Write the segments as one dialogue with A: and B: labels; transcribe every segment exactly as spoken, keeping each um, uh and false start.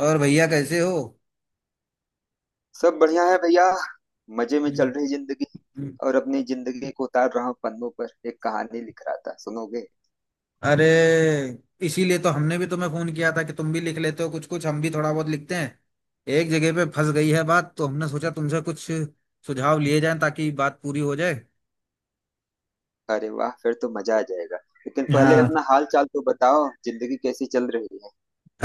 A: और भैया कैसे हो।
B: सब बढ़िया है भैया। मजे में
A: हम्म,
B: चल रही जिंदगी।
A: हम्म।
B: और अपनी जिंदगी को उतार रहा हूँ पन्नों पर, एक कहानी लिख रहा था, सुनोगे?
A: अरे, इसीलिए तो हमने भी तुम्हें फोन किया था कि तुम भी लिख लेते हो कुछ कुछ, हम भी थोड़ा बहुत लिखते हैं। एक जगह पे फंस गई है बात, तो हमने सोचा तुमसे कुछ सुझाव लिए जाएं, ताकि बात पूरी हो जाए।
B: अरे वाह, फिर तो मजा आ जाएगा। लेकिन पहले
A: हाँ,
B: अपना हाल चाल तो बताओ, जिंदगी कैसी चल रही है?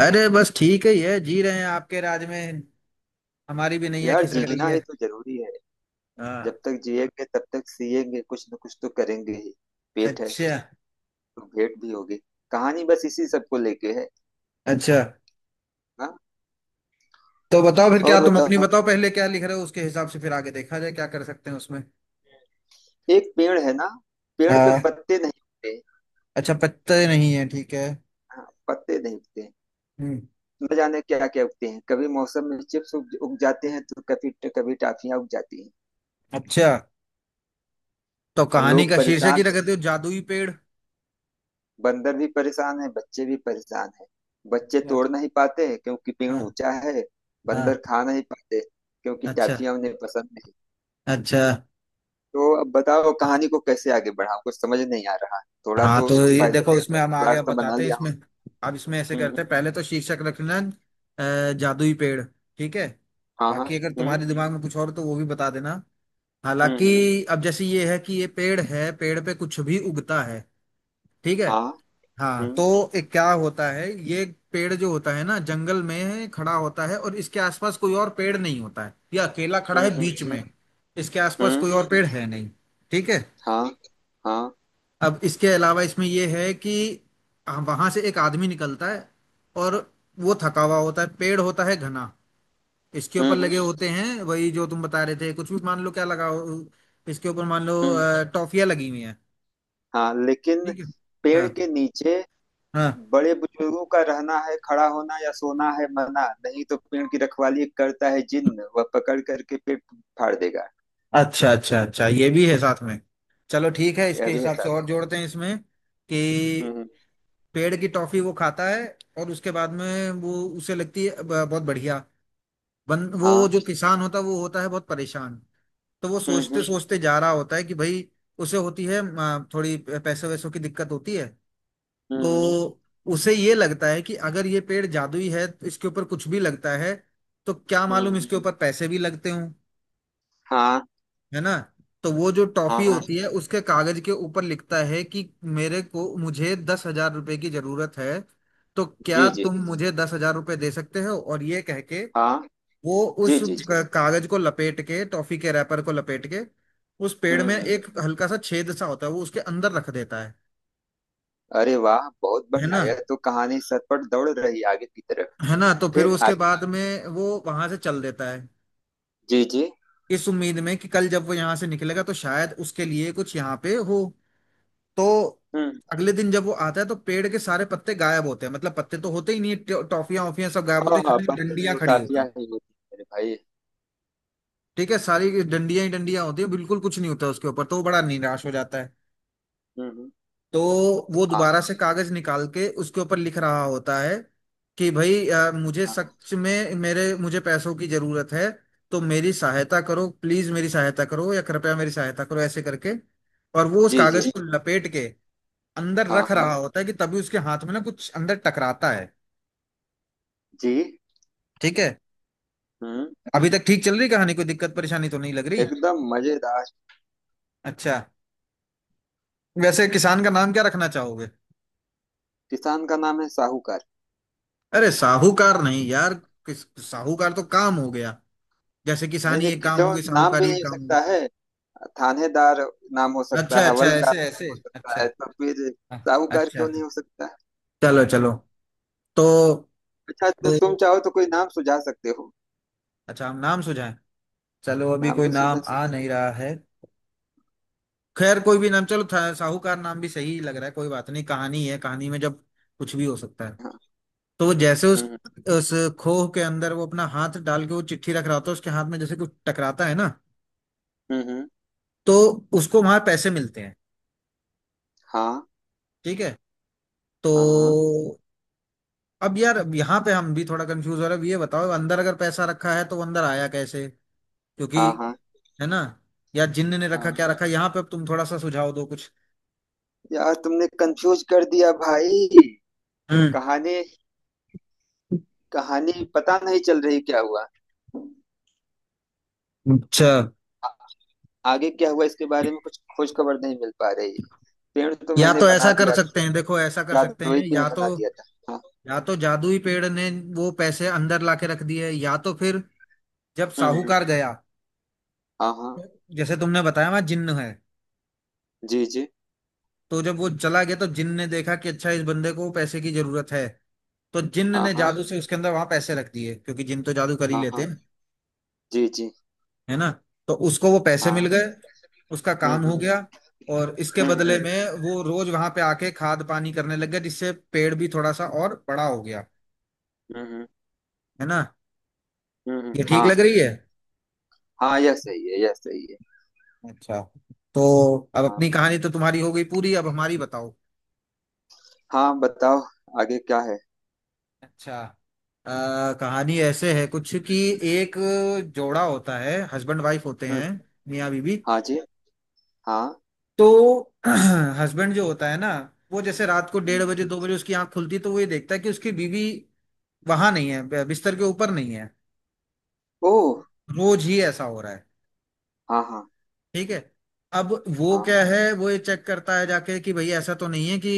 A: अरे बस ठीक ही है, जी रहे हैं आपके राज में। हमारी भी नैया
B: यार,
A: खिसक रही
B: जीना ही
A: है।
B: तो जरूरी है। जब
A: हाँ।
B: तक जिएंगे तब तक सिएंगे, कुछ न कुछ तो करेंगे ही। पेट है
A: अच्छा।
B: तो भेंट भी होगी। कहानी बस इसी सबको लेके है।
A: अच्छा,
B: हाँ,
A: तो बताओ फिर, क्या
B: और
A: तुम अपनी
B: बताओ।
A: बताओ पहले क्या लिख रहे हो, उसके हिसाब से फिर आगे देखा जाए क्या कर सकते हैं उसमें।
B: एक पेड़ है ना, पेड़ पे
A: हाँ।
B: पत्ते नहीं होते।
A: अच्छा, पत्ते नहीं है, ठीक है।
B: हाँ, पत्ते नहीं होते।
A: हम्म।
B: न जाने क्या क्या उगते हैं, कभी मौसम में चिप्स उग, उग जाते हैं, तो कभी कभी टाफियां उग जाती हैं।
A: अच्छा, तो
B: और
A: कहानी
B: लोग
A: का शीर्षक ही
B: परेशान,
A: रख देते हो जादुई पेड़।
B: बंदर भी परेशान है, बच्चे भी परेशान है। बच्चे
A: अच्छा।
B: तोड़ नहीं पाते क्योंकि पेड़
A: हाँ।
B: ऊंचा है।
A: हाँ।
B: बंदर खा नहीं पाते क्योंकि
A: अच्छा।
B: टाफियां उन्हें पसंद नहीं।
A: अच्छा।
B: तो अब बताओ कहानी को कैसे आगे बढ़ाऊं, कुछ समझ नहीं आ रहा। थोड़ा
A: हाँ,
B: तो
A: तो ये
B: पहले
A: देखो, इसमें हम आगे
B: प्लाट
A: अब
B: तो बना
A: बताते हैं
B: लिया हूँ।
A: इसमें। अब इसमें ऐसे
B: हम्म
A: करते
B: हम्म।
A: हैं, पहले तो शीर्षक रखना अ, जादुई पेड़। ठीक है।
B: हाँ हाँ।
A: बाकी अगर
B: हम्म
A: तुम्हारे दिमाग में कुछ और हो, तो वो भी बता देना।
B: हम्म हम्म।
A: हालांकि अब जैसे ये है कि ये पेड़ है, पेड़ पे कुछ भी उगता है। ठीक है।
B: हाँ।
A: हाँ,
B: हम्म
A: तो एक क्या होता है ये, पेड़ जो होता है ना, जंगल में खड़ा होता है, और इसके आसपास कोई और पेड़ नहीं होता है, ये अकेला खड़ा
B: हम्म
A: है बीच
B: हम्म
A: में। इसके आसपास
B: हम्म।
A: कोई और पेड़ है नहीं। ठीक है।
B: हाँ हाँ।
A: अब इसके अलावा इसमें ये है कि वहां से एक आदमी निकलता है, और वो थका हुआ होता है, पेड़ होता है घना। इसके ऊपर
B: हम्म हम्म
A: लगे होते हैं वही जो तुम बता रहे थे, कुछ भी मान लो क्या लगा हो। इसके ऊपर मान लो
B: हम्म।
A: अ, टॉफियां लगी हुई हैं।
B: हाँ, लेकिन
A: ठीक है।
B: पेड़
A: हाँ।
B: के नीचे
A: हाँ।
B: बड़े बुजुर्गों का रहना है, खड़ा होना या सोना है मना, नहीं तो पेड़ की रखवाली करता है जिन्न, वह पकड़ करके पेड़ फाड़ देगा।
A: अच्छा अच्छा अच्छा, ये भी है साथ में। चलो ठीक है,
B: हाँ, यह
A: इसके
B: भी है,
A: हिसाब से
B: साथ
A: और
B: है।
A: जोड़ते हैं इसमें कि
B: हम्म।
A: पेड़ की टॉफी वो खाता है, और उसके बाद में वो उसे लगती है ब- बहुत बढ़िया। बन, वो
B: हाँ।
A: जो किसान होता है वो होता है बहुत परेशान। तो वो
B: हम्म
A: सोचते
B: हम्म
A: सोचते जा रहा होता है कि भाई, उसे होती है अ, थोड़ी पैसे वैसों की दिक्कत होती है।
B: हम्म हम्म,
A: तो उसे ये लगता है कि अगर ये पेड़ जादुई है तो इसके ऊपर कुछ भी लगता है, तो क्या मालूम
B: हम्म।
A: इसके ऊपर पैसे भी लगते हों।
B: हाँ
A: है ना। तो वो जो
B: हाँ।
A: टॉफी
B: हाँ।
A: होती है उसके कागज के ऊपर लिखता है कि मेरे को मुझे दस हजार रुपए की जरूरत है, तो क्या
B: जी जी।
A: तुम मुझे दस हजार रुपए दे सकते हो, और ये कह के
B: हाँ।
A: वो उस
B: जी जी जी।
A: क- कागज को लपेट के, टॉफी के रैपर को लपेट के, उस पेड़
B: हम्म
A: में
B: हम्म।
A: एक हल्का सा छेद सा होता है वो उसके अंदर रख देता है।
B: अरे वाह, बहुत
A: है
B: बढ़िया,
A: ना।
B: यह तो कहानी सरपट दौड़ रही आगे की तरफ।
A: है ना, तो फिर
B: फिर आ,
A: उसके बाद में वो वहां से चल देता है
B: जी जी।
A: इस उम्मीद में कि कल जब वो यहाँ से निकलेगा तो शायद उसके लिए कुछ यहाँ पे हो। तो
B: हम्म।
A: अगले दिन जब वो आता है तो पेड़ के सारे पत्ते गायब होते हैं, मतलब पत्ते तो होते ही नहीं है, टो- टॉफियां वॉफियां सब गायब
B: हाँ
A: होती है,
B: हाँ,
A: खाली
B: बचपन में
A: डंडियां
B: वो
A: खड़ी होती
B: काफिया
A: हैं।
B: ही होती है, मेरे भाई।
A: ठीक है, सारी डंडियां ही डंडियां होती है, बिल्कुल कुछ नहीं होता उसके ऊपर, तो वो बड़ा निराश हो जाता है।
B: हम्म हम्म।
A: तो वो
B: हाँ
A: दोबारा से कागज निकाल के उसके ऊपर लिख रहा होता है कि भाई, अ, मुझे
B: हाँ। हाँ।
A: सच में मेरे मुझे पैसों की जरूरत है, तो मेरी सहायता करो, प्लीज मेरी सहायता करो, या कृपया मेरी सहायता करो, ऐसे करके। और वो उस
B: जी
A: कागज
B: जी।
A: को लपेट के अंदर
B: हाँ
A: रख
B: हाँ।
A: रहा होता है कि तभी उसके हाथ में ना कुछ अंदर टकराता है।
B: जी।
A: ठीक है।
B: हम्म।
A: अभी तक ठीक चल रही कहानी, कोई दिक्कत परेशानी तो नहीं लग रही।
B: एकदम मजेदार।
A: अच्छा, वैसे किसान का नाम क्या रखना चाहोगे।
B: किसान का नाम है साहूकार।
A: अरे साहूकार नहीं यार, किस, साहूकार तो काम हो गया। जैसे
B: नहीं
A: किसानी
B: नहीं,
A: एक काम हो
B: क्यों
A: गई,
B: नाम भी
A: साहूकारी
B: नहीं
A: एक
B: हो
A: काम हो
B: सकता
A: गई।
B: है? थानेदार नाम हो सकता
A: अच्छा
B: है,
A: अच्छा,
B: हवलदार
A: ऐसे
B: नाम
A: ऐसे,
B: हो सकता है,
A: अच्छा।
B: तो फिर
A: हाँ,
B: साहूकार
A: अच्छा।
B: क्यों नहीं हो सकता?
A: चलो चलो, तो,
B: अच्छा, तो
A: तो
B: तुम चाहो तो कोई नाम सुझा सकते हो,
A: अच्छा हम नाम सुझाएं, चलो अभी
B: नाम
A: कोई
B: भी सुझा
A: नाम आ
B: सकते हो।
A: नहीं रहा है। खैर कोई भी नाम, चलो था- साहूकार नाम भी सही लग रहा है, कोई बात नहीं, कहानी है, कहानी में जब कुछ भी हो सकता है।
B: हाँ।
A: तो वो जैसे उस
B: हम्म
A: उस खोह के अंदर वो अपना हाथ डाल के वो चिट्ठी रख रहा होता है, उसके हाथ में जैसे कुछ टकराता है ना,
B: हम्म हम्म।
A: तो उसको वहां पैसे मिलते हैं।
B: हाँ
A: ठीक है। तो
B: हाँ। हाँ
A: अब यार, अब यहाँ पे हम भी थोड़ा कंफ्यूज हो रहे हैं। अब ये बताओ, अंदर अगर पैसा रखा है, तो वो अंदर आया कैसे, क्योंकि,
B: हाँ।
A: है ना, या जिन्न ने
B: हाँ
A: रखा, क्या
B: हाँ।
A: रखा यहाँ पे, अब तुम थोड़ा सा सुझाव दो कुछ।
B: यार तुमने कंफ्यूज कर दिया, भाई।
A: हम्म।
B: कहानी कहानी पता नहीं चल रही, क्या हुआ?
A: अच्छा,
B: आगे क्या हुआ इसके बारे में कुछ खोज खबर नहीं मिल पा रही है। पेड़ तो
A: या
B: मैंने
A: तो ऐसा
B: बना
A: कर
B: दिया,
A: सकते हैं, देखो ऐसा कर सकते
B: जादुई
A: हैं,
B: पेड़
A: या तो,
B: बना दिया था। हाँ।
A: या तो जादुई पेड़ ने वो पैसे अंदर लाके रख दिए, या तो फिर जब
B: हम्म हम्म।
A: साहूकार गया,
B: हाँ हाँ।
A: तो जैसे तुमने बताया वहां जिन्न है,
B: जी जी।
A: तो जब वो चला गया तो जिन्न ने देखा कि अच्छा इस बंदे को पैसे की जरूरत है, तो जिन्न
B: हाँ
A: ने
B: हाँ
A: जादू से उसके अंदर वहां पैसे रख दिए, क्योंकि जिन्न तो जादू कर ही
B: हाँ
A: लेते
B: हाँ।
A: हैं।
B: जी जी।
A: है ना। तो उसको वो पैसे
B: हाँ।
A: मिल गए, उसका
B: हम्म
A: काम हो
B: हम्म
A: गया। और इसके
B: हम्म हम्म
A: बदले
B: हम्म
A: में वो रोज वहां पे आके खाद पानी करने लग गया, जिससे पेड़ भी थोड़ा सा और बड़ा हो गया।
B: हम्म, हम्म,
A: है ना।
B: हम्म, हम्म।
A: ये ठीक
B: हाँ,
A: लग रही है।
B: हाँ यह सही है, यह सही है।
A: अच्छा, तो अब
B: हाँ।
A: अपनी कहानी तो तुम्हारी हो गई पूरी, अब हमारी बताओ।
B: हाँ बताओ, आगे क्या है?
A: अच्छा, आ, कहानी ऐसे है कुछ कि एक जोड़ा होता है, हस्बैंड वाइफ होते
B: हम्म।
A: हैं, मियाँ बीवी।
B: हाँ जी। हाँ।
A: तो हस्बैंड जो होता है ना, वो जैसे रात को डेढ़
B: हम्म।
A: बजे दो बजे उसकी आंख खुलती है, तो वो ये देखता है कि उसकी बीवी वहां नहीं है, ब- बिस्तर के ऊपर नहीं है।
B: ओह।
A: रोज ही ऐसा हो रहा है।
B: हाँ हाँ
A: ठीक है। अब वो
B: हाँ।
A: क्या है, वो ये चेक करता है जाके कि भाई, ऐसा तो नहीं है कि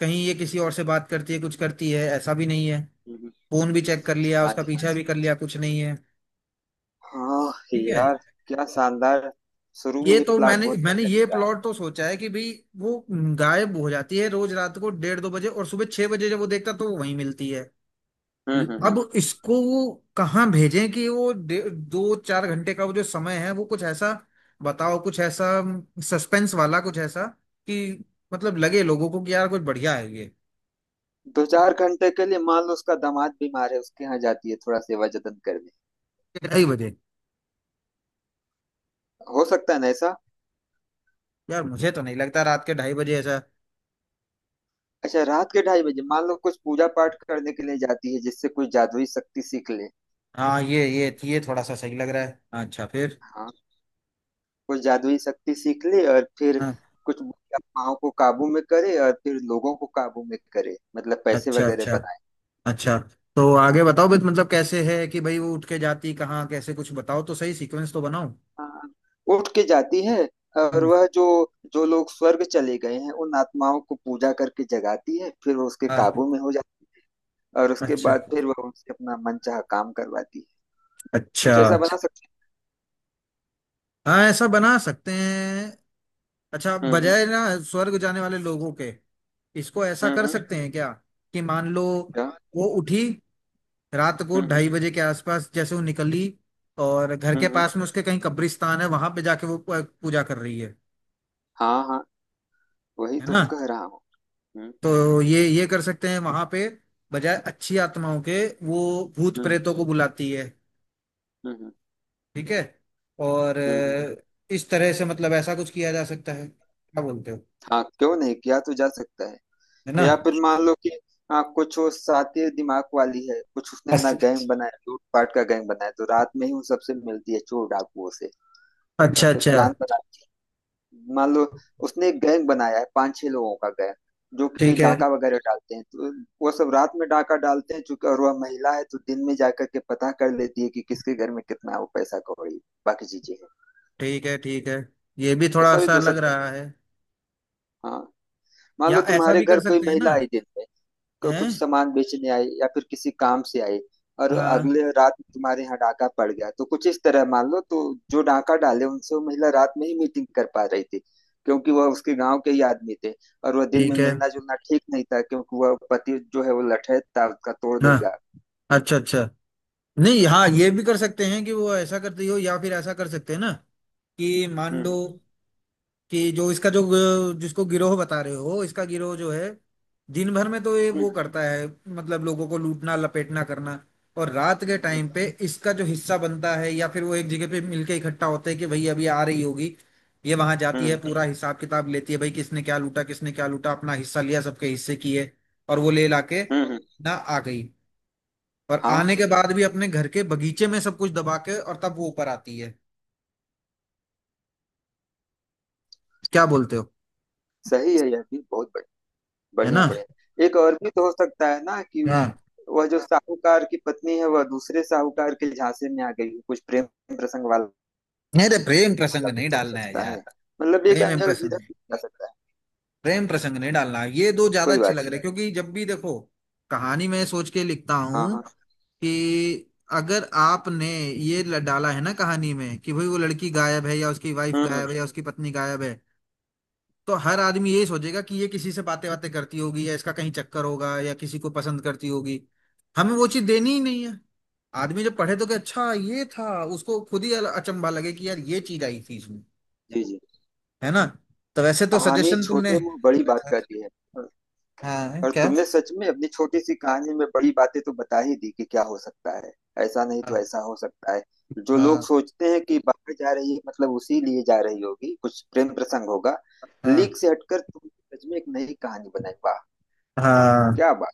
A: कहीं ये किसी और से बात करती है, कुछ करती है, ऐसा भी नहीं है।
B: हम्म हम्म।
A: फोन भी चेक कर लिया,
B: हाँ
A: उसका
B: जी हाँ
A: पीछा भी
B: जी।
A: कर लिया, कुछ नहीं है।
B: हाँ
A: ठीक है।
B: यार, क्या शानदार। शुरू में
A: ये
B: ही
A: तो
B: प्लाट
A: मैंने
B: बहुत
A: मैंने
B: बढ़िया
A: ये
B: दिख रहा है।
A: प्लॉट तो सोचा है कि भाई, वो गायब हो जाती है रोज रात को डेढ़ दो बजे, और सुबह छह बजे जब वो देखता तो वो वहीं मिलती है।
B: हम्म हम्म हम्म।
A: अब इसको वो कहाँ भेजें कि वो डे- दो चार घंटे का वो जो समय है, वो कुछ ऐसा बताओ, कुछ ऐसा सस्पेंस वाला कुछ ऐसा कि, मतलब लगे लोगों को कि यार कुछ बढ़िया है ये।
B: दो चार घंटे के लिए मान लो उसका दामाद बीमार है, उसके यहाँ जाती है थोड़ा सेवा जतन करने।
A: ढाई बजे,
B: हो सकता है ना ऐसा?
A: यार मुझे तो नहीं लगता रात के ढाई बजे ऐसा।
B: अच्छा, रात के ढाई बजे मान लो कुछ पूजा पाठ करने के लिए जाती है, जिससे कोई जादुई शक्ति सीख ले।
A: हाँ, ये ये ये थोड़ा सा सही लग रहा है, अच्छा फिर।
B: हाँ, कोई जादुई शक्ति सीख ले और फिर कुछ बुरी आत्माओं को काबू में करे और फिर लोगों को काबू में करे, मतलब पैसे
A: अच्छा
B: वगैरह
A: अच्छा
B: बनाए।
A: अच्छा, तो आगे बताओ बस, मतलब कैसे है कि भाई वो उठ के जाती कहाँ कैसे, कुछ बताओ तो सही, सीक्वेंस तो बनाओ।
B: हाँ। उठ के जाती है, और
A: हम्म।
B: वह जो जो लोग स्वर्ग चले गए हैं उन आत्माओं को पूजा करके जगाती है, फिर वो उसके
A: हाँ।
B: काबू में हो जाती है। और उसके
A: अच्छा।
B: बाद फिर वह उनसे अपना मनचाहा काम करवाती है।
A: अच्छा।
B: कुछ ऐसा बना सकते
A: हाँ, ऐसा बना सकते हैं। अच्छा,
B: हैं। हम्म हम्म
A: बजाय ना स्वर्ग जाने वाले लोगों के, इसको ऐसा
B: हम्म
A: कर
B: हम्म,
A: सकते हैं क्या कि मान लो
B: क्या?
A: वो उठी, रात को
B: हम्म हम्म
A: ढाई बजे के आसपास जैसे वो निकली, और घर
B: हम्म
A: के
B: हम्म,
A: पास में उसके कहीं कब्रिस्तान है, वहां पे जाके वो पूजा कर रही है।
B: हाँ हाँ, वही
A: है
B: तो
A: ना।
B: कह रहा हूँ। हम्म।
A: तो ये ये कर सकते हैं वहां पे, बजाय अच्छी आत्माओं के वो भूत
B: हम्म
A: प्रेतों को बुलाती है।
B: हम्म हम्म
A: ठीक है। और
B: हम्म, हम्म।
A: अ, इस तरह से, मतलब ऐसा कुछ किया जा सकता है, क्या बोलते हो।
B: हाँ, क्यों नहीं, किया तो जा सकता है।
A: है ना।
B: या फिर मान लो कि, हाँ, कुछ वो सातिर दिमाग वाली है, कुछ उसने अपना गैंग
A: बस-
B: बनाया, लूटपाट का गैंग बनाया, तो रात में ही वो सबसे मिलती है, चोर डाकुओं से, और
A: अच्छा
B: फिर
A: अच्छा।
B: प्लान बनाती है। मान लो उसने एक गैंग बनाया है, पांच छह लोगों का गैंग, जो कि
A: ठीक है,
B: डाका वगैरह डालते हैं, तो वो सब रात में डाका डालते हैं, चूंकि और वह महिला है तो दिन में जाकर के पता कर लेती है कि किसके घर में कितना है, वो पैसा कौड़ी बाकी चीजें है।
A: ठीक है। ठीक है, ये भी थोड़ा
B: ऐसा भी
A: सा
B: तो हो
A: लग
B: सकता है।
A: रहा है।
B: हाँ। मान
A: या
B: लो
A: ऐसा
B: तुम्हारे
A: भी
B: घर
A: कर
B: कोई
A: सकते हैं
B: महिला
A: ना,
B: आई दिन में, को
A: है।
B: कुछ सामान बेचने आई या फिर किसी काम से आई, और
A: हाँ।
B: अगले रात तुम्हारे यहाँ डाका पड़ गया, तो कुछ इस तरह मान लो। तो जो डाका डाले उनसे वो महिला रात में ही मीटिंग कर पा रही थी, क्योंकि वह उसके गांव के ही आदमी थे, और वह दिन में
A: ठीक है,
B: मिलना जुलना ठीक नहीं था क्योंकि वह पति जो है वो लठैत था, उसका तोड़
A: हाँ।
B: देगा।
A: अच्छा अच्छा। नहीं हाँ, ये भी कर सकते हैं कि वो ऐसा करती हो, या फिर ऐसा कर सकते हैं ना कि मान लो
B: हम्म
A: कि जो इसका जो ग- जिसको गिरोह बता रहे हो, इसका गिरोह जो है, दिन भर में तो ये वो
B: हम्म
A: करता है, मतलब लोगों को लूटना लपेटना करना, और रात के
B: हम्म
A: टाइम पे इसका जो हिस्सा बनता है, या फिर वो एक जगह पे मिलके इकट्ठा होते हैं कि भाई अभी आ रही होगी, ये वहां जाती है, पूरा हिसाब किताब लेती है, भाई किसने क्या लूटा किसने क्या लूटा, अपना हिस्सा लिया, सबके हिस्से किए, और वो ले लाके
B: हम्म हम्म,
A: ना आ गई, और आने
B: हाँ
A: के बाद भी अपने घर के बगीचे में सब कुछ दबा के, और तब वो ऊपर आती है। क्या बोलते हो।
B: सही है, यह भी बहुत बढ़-
A: है
B: बढ़िया
A: ना।
B: बढ़िया। एक और भी तो हो सकता है ना कि
A: हाँ,
B: वह जो साहूकार की पत्नी है वह दूसरे साहूकार के झांसे में आ गई हो, कुछ प्रेम प्रसंग वाला।
A: अरे प्रेम प्रसंग
B: मतलब ये
A: नहीं
B: तो हो
A: डालना है
B: सकता
A: यार।
B: है, मतलब एक
A: प्रेम एंड
B: एंगल
A: प्रसंग,
B: इधर भी जा सकता है।
A: प्रेम प्रसंग नहीं डालना है। ये दो ज्यादा
B: कोई
A: अच्छे
B: बात
A: लग
B: नहीं।
A: रहे हैं, क्योंकि जब भी देखो कहानी में सोच के लिखता
B: हाँ
A: हूँ
B: हाँ।
A: कि अगर आपने ये ल- डाला है ना कहानी में कि भाई वो लड़की गायब है, या उसकी वाइफ
B: हम्म हम्म,
A: गायब है, या उसकी पत्नी गायब है, तो हर आदमी ये सोचेगा कि ये किसी से बातें बातें करती होगी, या इसका कहीं चक्कर होगा, या किसी को पसंद करती होगी। हमें वो चीज देनी ही नहीं है। आदमी जब पढ़े तो कि अच्छा ये था, उसको खुद ही अचंभा लगे कि यार ये चीज आई थी इसमें।
B: जी जी।
A: है ना। तो वैसे तो
B: कहानी
A: सजेशन तुमने,
B: छोटे मुंह बड़ी बात कहती है।
A: हाँ
B: और
A: क्या।
B: तुमने सच में अपनी छोटी सी कहानी में बड़ी बातें तो बता ही दी कि क्या हो सकता है, ऐसा नहीं तो
A: हाँ।
B: ऐसा हो सकता है। जो लोग
A: हाँ।
B: सोचते हैं कि बाहर जा रही है, मतलब उसी लिए जा रही होगी, कुछ प्रेम प्रसंग होगा।
A: हाँ।
B: लीक से हटकर तुमने सच में एक नई कहानी बनाई, वाह। वाह
A: हाँ।
B: क्या बात,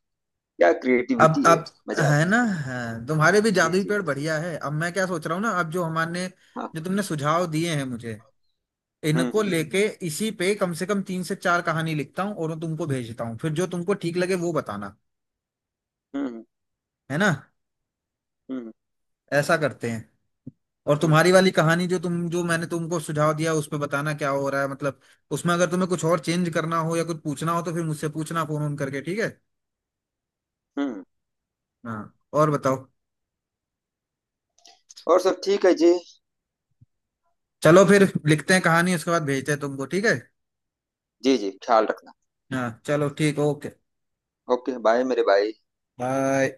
B: क्या
A: अब
B: क्रिएटिविटी है।
A: अब
B: मजा आ
A: है ना, हाँ, तुम्हारे भी
B: गया। जी
A: जादुई
B: जी।
A: पेड़ बढ़िया है। अब मैं क्या सोच रहा हूँ ना, अब जो हमारे, जो
B: हाँ।
A: तुमने सुझाव दिए हैं मुझे,
B: हम्म
A: इनको
B: हम्म
A: लेके इसी पे कम से कम तीन से चार कहानी लिखता हूँ, और वो तुमको भेजता हूँ, फिर जो तुमको ठीक लगे वो बताना।
B: हम्म
A: है ना।
B: हम्म
A: ऐसा करते हैं। और
B: हम्म हम्म
A: तुम्हारी
B: हम्म,
A: वाली कहानी जो तुम, जो मैंने तुमको सुझाव दिया उस पे बताना क्या हो रहा है, मतलब उसमें अगर तुम्हें कुछ और चेंज करना हो या कुछ पूछना हो, तो फिर मुझसे पूछना फोन ऑन करके, ठीक है।
B: हम्म।
A: हाँ, और बताओ।
B: और सब ठीक है जी।
A: चलो फिर, लिखते हैं कहानी, उसके बाद भेजते हैं तुमको, ठीक है।
B: जी, जी, ख्याल रखना।
A: हाँ, चलो ठीक, ओके,
B: ओके, बाय मेरे भाई।
A: बाय।